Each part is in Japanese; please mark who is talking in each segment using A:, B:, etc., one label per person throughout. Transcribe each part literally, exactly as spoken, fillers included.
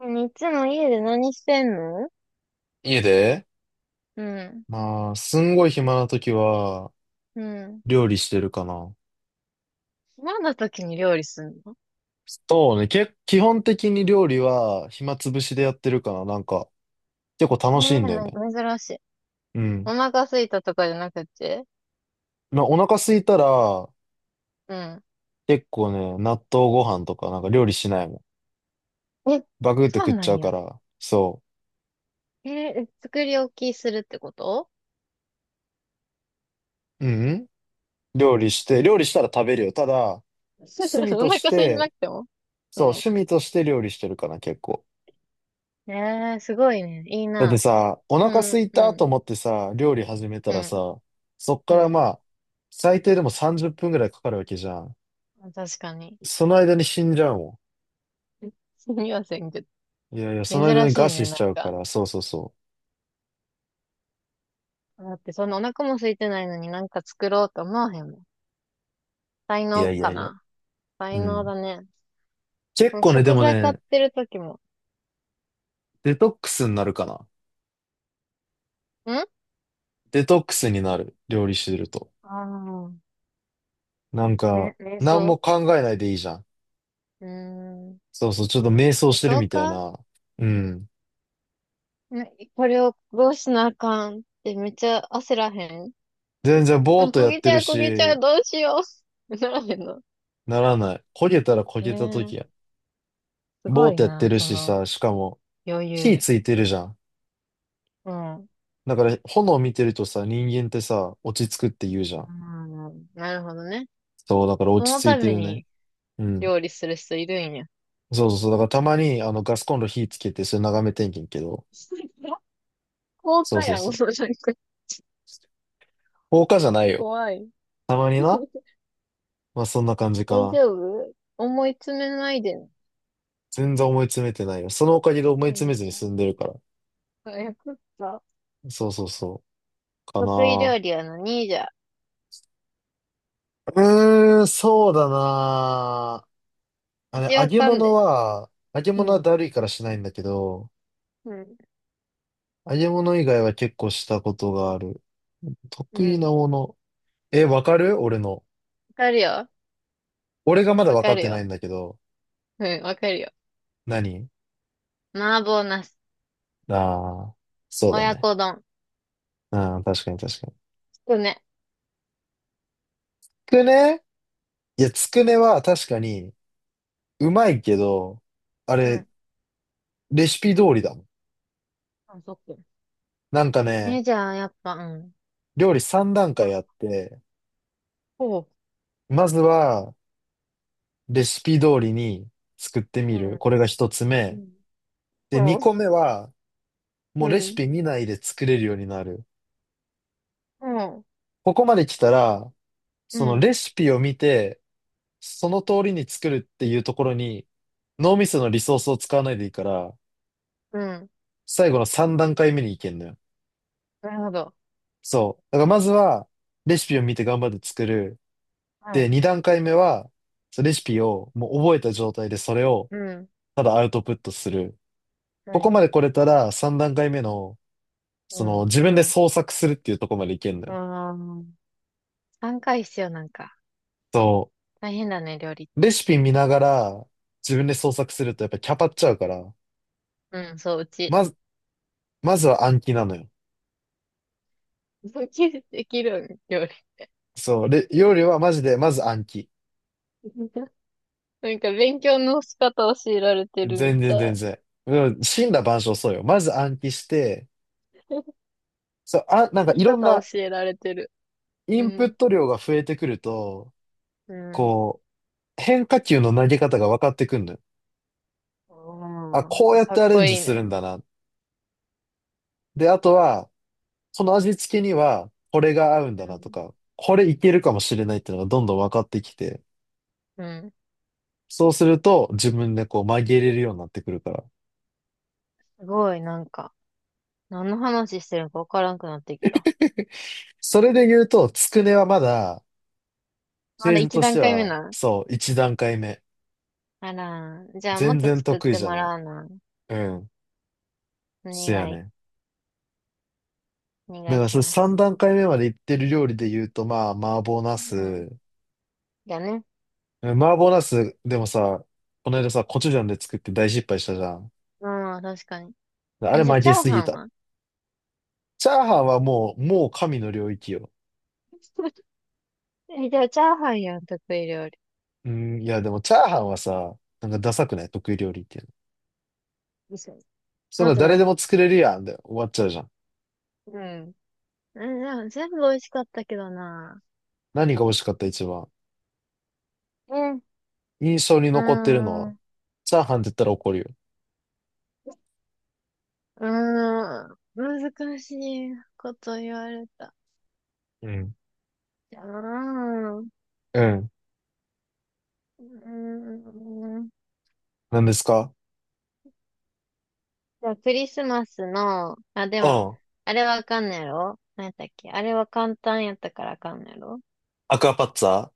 A: いつも家で何してんの？
B: 家で
A: うん。
B: まあ、すんごい暇な時は、
A: うん。
B: 料理してるかな。
A: 暇な時に料理すんの？
B: そうね、け、基本的に料理は暇つぶしでやってるかな。なんか、結構
A: ええ
B: 楽し
A: ー、
B: いんだよ
A: なん
B: ね。
A: か珍しい。
B: う
A: お
B: ん。
A: 腹空いたとかじゃなくて？
B: まあ、お腹空いたら、
A: うん。
B: 結構ね、納豆ご飯とかなんか料理しないもん。
A: え、
B: バクって
A: そう
B: 食っ
A: な
B: ちゃ
A: ん
B: うか
A: や。
B: ら、そ
A: えー、作り置きするってこと？
B: う。うん、うん料理して、料理したら食べるよ。ただ、趣 味
A: お
B: と
A: 腹
B: し
A: 空いてな
B: て、
A: くても？う
B: そう、
A: ん。
B: 趣味として料理してるかな、結構。
A: ええー、すごいね。いい
B: だって
A: な。
B: さ、お
A: そ
B: 腹
A: の、
B: 空い
A: う
B: たと
A: ん。
B: 思ってさ、料理始めた
A: う
B: ら
A: ん。
B: さ、そっ
A: う
B: からま
A: ん。
B: あ、最低でもさんじゅっぷんぐらいかかるわけじゃん。
A: 確かに。
B: その間に死んじゃうも
A: すみませんけど。
B: ん。いやいや、その間
A: 珍
B: に
A: し
B: 餓
A: いね、
B: 死し
A: な
B: ちゃ
A: ん
B: うか
A: か。
B: ら、そうそうそ
A: だって、そんなお腹も空いてないのになんか作ろうと思わへんもん。才
B: う。い
A: 能
B: やい
A: か
B: やいや。
A: な。才
B: う
A: 能
B: ん。
A: だね。
B: 結
A: うん、
B: 構ね、で
A: 食
B: も
A: 材買っ
B: ね、
A: てる時も。
B: デトックスになるかな。
A: んあ
B: デトックスになる。料理してると。
A: あー、
B: なんか、
A: ね、瞑
B: 何
A: 想。
B: も考えないでいいじゃん。
A: うーん。
B: そうそう、ちょっと瞑想
A: え、
B: してる
A: そう
B: みたい
A: か？
B: な。うん。
A: ね、これをどうしなあかんってめっちゃ焦らへん？
B: 全然ぼ
A: あ、
B: ーっと
A: 焦
B: やっ
A: げち
B: てる
A: ゃう、焦げちゃ
B: し、
A: う、どうしよう。ならへんの？
B: ならない。焦げたら焦
A: ね
B: げた時
A: え、す
B: ボ
A: ご
B: ーっ
A: い
B: てやって
A: な、
B: る
A: そ
B: し
A: の
B: さ、しかも
A: 余
B: 火
A: 裕。
B: ついてるじゃん。
A: うん。う
B: だから炎見てるとさ、人間ってさ、落ち着くって言うじゃん。
A: ん。なるほどね。
B: そう、だから
A: そ
B: 落ち
A: の
B: 着
A: た
B: いて
A: め
B: るね。
A: に
B: うん。
A: 料理する人いるんや。
B: そうそうそう。だからたまにあのガスコンロ火つけて、それ眺めてんけんけど。
A: 高
B: そう
A: 価
B: そう
A: やん、もうん、
B: そう。放火じゃないよ。
A: 怖い。
B: たまにな。まあそんな感じ
A: 大
B: かな。
A: 丈夫、思い詰めないでね。
B: 全然思い詰めてないよ。そのおかげで思い
A: あ、
B: 詰
A: よ
B: めずに
A: かっ
B: 済んでるから。
A: た。よかった。
B: そうそうそう。か
A: 得意料
B: な。
A: 理は何じゃ？
B: うーん、そうだな。あ
A: う
B: れ、
A: ち
B: 揚
A: わ
B: げ
A: かん
B: 物
A: で。
B: は、揚げ物
A: う
B: は
A: ん。
B: だるいからしないんだけど、
A: うん。
B: 揚げ物以外は結構したことがある。
A: う
B: 得
A: ん。
B: 意
A: わ
B: なもの。え、わかる俺の。
A: かるよ。
B: 俺がまだ
A: わ
B: わ
A: か
B: かっ
A: る
B: てない
A: よ。
B: んだけど。
A: うん、わかるよ。
B: 何？
A: 麻婆茄子。
B: ああー、そうだ
A: 親
B: ね。
A: 子丼。
B: うん、確かに確かに。
A: つくね。
B: つくね？いや、つくねは確かにうまいけど、あ
A: う
B: れ、
A: ん。
B: レシピ通りだもん。
A: あ、そっか。
B: なんかね、
A: ね、じゃあ、やっぱ、うん。
B: 料理さん段
A: ま、
B: 階あって、
A: ほう。
B: まずはレシピ通りに作って
A: う
B: みる。
A: ん。
B: これが1つ
A: う
B: 目。
A: ん。
B: で、
A: ほ
B: 2
A: う。
B: 個目は
A: う
B: もうレシ
A: ん。
B: ピ見ないで作れるようになる。
A: ほう。
B: ここまで来たら、
A: う
B: その
A: ん。
B: レシピを見て、その通りに作るっていうところに、脳みそのリソースを使わないでいいから、
A: うん。
B: 最後のさん段階目に行けんのよ。
A: なるほど。
B: そう。だからまずは、レシピを見て頑張って作る。
A: は
B: で、
A: い。
B: に段階目は、そのレシピをもう覚えた状態でそれを
A: うん。
B: ただアウトプットする。
A: は
B: ここ
A: い。
B: まで来れたらさん段階目の、
A: う
B: その
A: ん。
B: 自分で
A: うん。
B: 創作するっていうところまでいけんのよ。
A: ああ。さんかい必要なんか？
B: そ
A: 大変だね、料理っ
B: う。レ
A: て。
B: シピ見ながら自分で創作するとやっぱキャパっちゃうから、
A: うん、そう、うち。
B: まず、まずは暗記なのよ。
A: できるできるん、料理。
B: そう、で、料理はマジで、まず暗記。
A: なんか勉強の仕方教えられてるみ
B: 全然
A: たい。
B: 全然。うん、森羅万象そうよ。まず暗記して、そう、あ、なん
A: 生
B: かい
A: き
B: ろん
A: 方
B: な
A: 教えられてる。
B: イ
A: う
B: ンプッ
A: ん。
B: ト量が増えてくると、
A: うん。
B: こう、変化球の投げ方が分かってくるのよ。あ、
A: おー、
B: こうやっ
A: か
B: て
A: っ
B: アレ
A: こ
B: ンジ
A: いい
B: するん
A: な。
B: だな。で、あとは、その味付けには、これが合うん
A: う
B: だなと
A: ん。
B: か、これいけるかもしれないっていうのがどんどん分かってきて、
A: うん。
B: そうすると自分でこう曲げれるようになってくるから。
A: すごい、なんか、何の話してるのかわからんくなってきた。
B: それで言うと、つくねはまだ、フ
A: ま
B: ェー
A: だ
B: ズ
A: 一
B: とし
A: 段
B: て
A: 階目
B: は、
A: なん？
B: そう、一段階目。
A: あらー、じゃあ
B: 全
A: もっと
B: 然得
A: 作っ
B: 意
A: て
B: じゃ
A: も
B: ない。
A: らうな。
B: うん。
A: お
B: せ
A: 願
B: やね
A: い、
B: ん。
A: お
B: だ
A: 願い
B: から
A: し
B: それ
A: ま
B: 三
A: す。
B: 段階目まで行ってる料理で言うと、まあ、麻婆茄
A: うん。
B: 子。
A: だね。
B: うん、麻婆茄子、でもさ、この間さ、コチュジャンで作って大失敗したじゃん。
A: うん、確かに。
B: あ
A: え、
B: れ
A: じゃあ
B: 負
A: チャ
B: け
A: ー
B: す
A: ハ
B: ぎ
A: ン
B: た。
A: は？
B: チャーハンはもう、もう神の領域よ。
A: え、じゃあチャーハンやん、得意料理。
B: うん、いやでもチャーハンはさ、なんかダサくない？得意料理っていうの。そん
A: もっ
B: な
A: とな
B: 誰
A: ん
B: で
A: か、
B: も作れるやんで終わっちゃうじゃん。
A: うん。うん、でも全部美味しかったけどな。
B: 何が美味しかった一番？
A: うん。
B: 印象に
A: うー
B: 残ってるのは、
A: ん、う
B: チャーハンって言ったら怒るよ。
A: ーん、難しいこと言われた。
B: うん。
A: うーん、う
B: うん、
A: ーん。
B: 何ですか？
A: じゃあ、クリスマスの、あ、で
B: う
A: も、
B: ん。
A: あれわかんないやろ。何やったっけ？あれは簡単やったからあかんないやろ？
B: アクアパッツァ？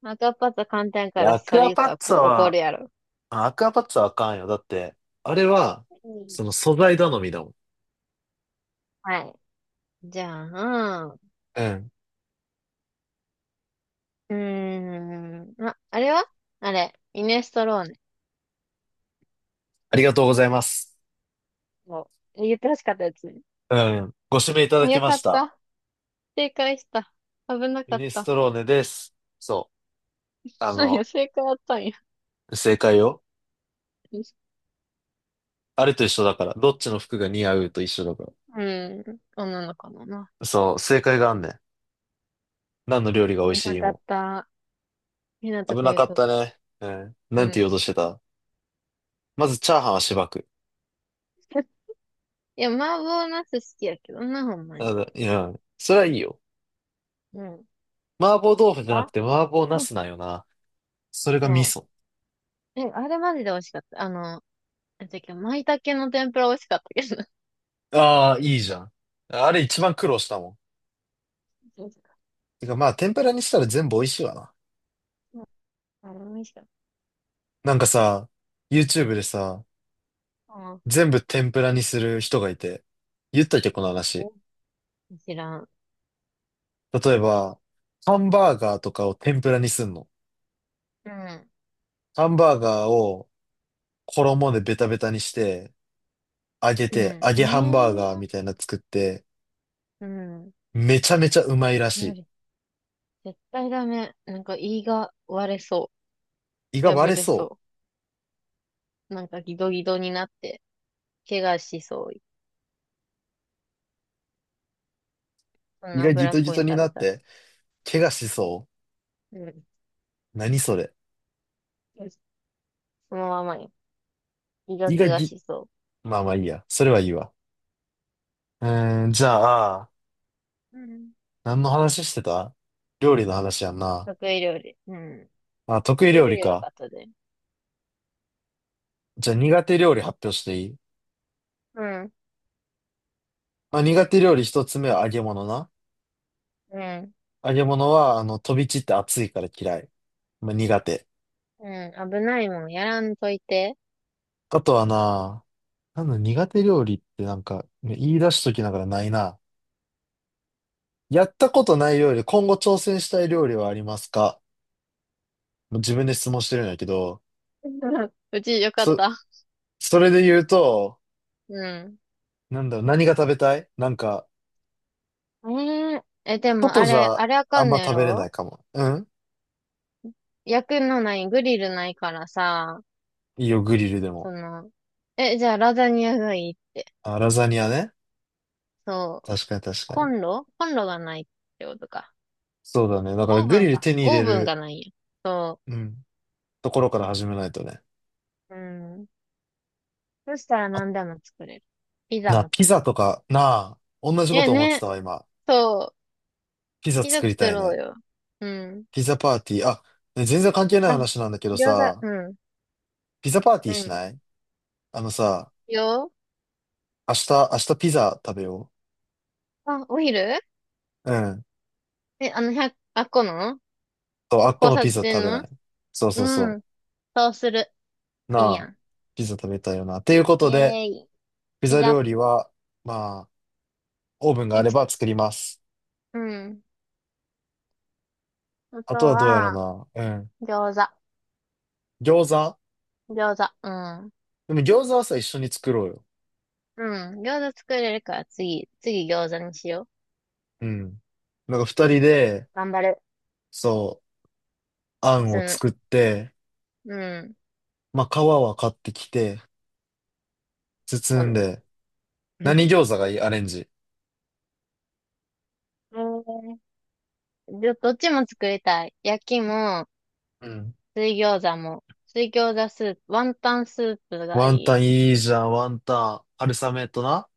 A: 赤パス簡単や
B: い
A: か
B: や、
A: ら、
B: ア
A: そ
B: ク
A: れ
B: ア
A: 言っ
B: パ
A: た
B: ッ
A: ら
B: ツァ
A: こ怒る
B: は、
A: やろ。
B: あ、アクアパッツァはあかんよ。だって、あれは、
A: うん、
B: その素材頼みだもん。
A: はい。じゃあ、う
B: うん。
A: ーん、あ、あれは、あれ、イネストロー？
B: ありがとうございます。
A: もう、言ってほしかったやつね。
B: うん。ご指名いただき
A: よ
B: ま
A: か
B: し
A: っ
B: た。
A: た。正解した。危なか
B: ミ
A: っ
B: ネス
A: た。
B: トローネです。そう。あ
A: そうや、
B: の、
A: 正解あったんや。
B: 正解よ。あれと一緒だから。どっちの服が似合うと一緒だか
A: うん。女の子のな。
B: ら。そう、正解があんねん。何の料理が
A: 危
B: 美味し
A: な
B: い
A: かっ
B: も。
A: た。ひなと
B: 危
A: くん
B: な
A: よ
B: かっ
A: く。
B: たね。うん。
A: う
B: なんて言お
A: ん。
B: うとしてた？まず、チャーハンはしばく。
A: いや、麻婆茄子好きやけどな、ほんまに。
B: あいや、それはいいよ。
A: うん。
B: 麻婆豆腐じゃなく
A: あ、
B: て麻婆茄
A: うん、
B: 子なんよな。それが味
A: そ
B: 噌。
A: う。え、あれマジで美味しかった。あの、なんだ舞茸の天ぷら美味しかったけどな。
B: ああ、いいじゃん。あれ一番苦労したもん。
A: そうそ
B: てかまあ、天ぷらにしたら全部美味しいわな。
A: う、ん、あれ美味しかっ
B: なんかさ、YouTube でさ、
A: た。
B: 全部天ぷらにする人がいて、言ったっけ、この話。
A: うん。知らん。
B: 例えば、ハンバーガーとかを天ぷらにすんの。
A: うん。
B: ハンバーガーを衣でベタベタにして、揚げ
A: う
B: て、
A: ん。
B: 揚
A: ええ
B: げハンバーガー
A: ー。
B: みたいなの作って、
A: うん。
B: めちゃめちゃうまいらし
A: 絶対ダメ。なんか胃が割れそ
B: い。胃
A: う。
B: が割
A: 破
B: れ
A: れ
B: そ
A: そう。なんかギドギドになって、怪我しそう。そ
B: う。胃
A: の
B: がギ
A: 脂っ
B: トギ
A: こい
B: ト
A: の
B: に
A: 食
B: な
A: べ
B: っ
A: たら。
B: て、怪我しそう。
A: うん。
B: 何それ？
A: そのままよ。胃が
B: 胃が
A: 怪我
B: ぎ、
A: しそ
B: まあまあいいや。それはいいわ。うーん、じゃあ、
A: う。うん。
B: 何の話してた？料理の話やんな。
A: 得意料理。うん。
B: あ、得意
A: 得意
B: 料
A: 料
B: 理
A: 理は分か
B: か。
A: ったで。
B: じゃあ苦手料理発表していい？
A: うん。
B: まあ苦手料理一つ目は揚げ物な。
A: うん。
B: 揚げ物は、あの、飛び散って熱いから嫌い。まあ苦手。
A: うん。危ないもん。やらんといて。
B: あとはな、なんだ、苦手料理ってなんか、ね、言い出しときながらないな。やったことない料理、今後挑戦したい料理はありますか？もう自分で質問してるんだけど、
A: うち、よかっ
B: そ、
A: た。
B: それで言うと、
A: うん。
B: なんだろう、何が食べたい？なんか、
A: えー、え、でも
B: 外
A: あ
B: じ
A: れ、
B: ゃ
A: あれあ
B: あ
A: か
B: ん
A: んの
B: ま
A: や
B: 食べれな
A: ろ？
B: いかも。うん、
A: 焼くのない、グリルないからさ、
B: いいよ、グリルでも。
A: その、え、じゃあラザニアがいい？
B: あ、ラザニアね。
A: そう、
B: 確かに確か
A: コ
B: に。
A: ンロコンロがないってことか？
B: そうだね。だから
A: オー
B: グ
A: ブ
B: リ
A: ン
B: ル
A: か。
B: 手に入
A: オ
B: れ
A: ーブン
B: る、
A: がないよ。そ
B: うん、ところから始めないとね。
A: う。うん。そしたら
B: あ、
A: 何でも作れる。ピザ
B: な、
A: も作
B: ピザとか、なあ、同じこ
A: れ
B: と
A: る。
B: 思っ
A: ね
B: てた
A: ね。
B: わ、今。
A: そう。
B: ピザ
A: ピザ
B: 作り
A: 作
B: たい
A: ろう
B: ね。
A: よ。うん。
B: ピザパーティー。あ、ね、全然関係ない
A: あ、
B: 話なんだけど
A: 餃子、
B: さ、
A: うん。
B: ピザパーティ
A: う
B: ーし
A: ん。
B: ない？あのさ、
A: よ。
B: 明日、明日ピザ食べよ
A: あ、お昼？
B: う。うん。
A: え、あの、百、あっこの
B: そう、あっこ
A: 交
B: の
A: 差
B: ピザ食
A: 点
B: べな
A: の？
B: い？そうそうそ
A: う
B: う。
A: ん。そうする。
B: な
A: いいや
B: あ、
A: ん。
B: ピザ食べたいよな。というこ
A: イ
B: と
A: ェ
B: で、
A: ーイ。
B: ピ
A: ピ
B: ザ
A: ザ、
B: 料理は、まあ、オーブンがあ
A: い
B: れ
A: つ、
B: ば作ります。
A: うん。あ
B: あ
A: と
B: とはどうやろう
A: は、
B: な。うん。
A: 餃子。
B: 餃子？
A: 餃子。うん。
B: でも餃子はさ、一緒に作ろうよ。
A: うん。餃子作れるから次、次餃子にしよう。
B: うん。なんか二人で、
A: 頑張る。
B: そう、あ
A: 普
B: んを
A: 通
B: 作って、
A: の、うん。
B: まあ、皮は買ってきて、
A: そ
B: 包
A: う
B: ん
A: なの。
B: で、何餃子がいい？アレンジ。
A: うん。ど、どっちも作りたい。焼きも、
B: うん。
A: 水餃子も。水餃子スープ、ワンタンスープがい
B: ワンタ
A: い。
B: ンいいじゃん、ワンタン。春雨とな。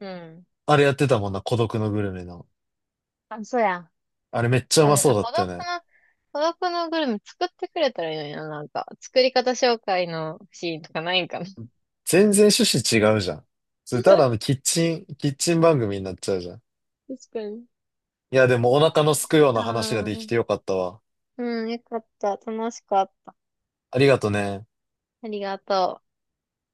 A: うん。
B: あれやってたもんな、孤独のグルメの。
A: あ、そうや。
B: あれめっちゃう
A: 多
B: ま
A: 分、
B: そう
A: あ、
B: だっ
A: 孤
B: たよ
A: 独
B: ね。
A: の、孤独のグルメ作ってくれたらいいのにな、なんか。作り方紹介のシーンとかないんかな。
B: 全然趣旨違うじゃん。それただのキッチン、キッチン番組になっちゃうじゃん。
A: 確かに。
B: いや、でもお腹のすくよう
A: あ
B: な話ができ
A: あ、
B: てよかったわ。
A: うん、よかった。楽しかった。
B: ありがとね。
A: ありがとう。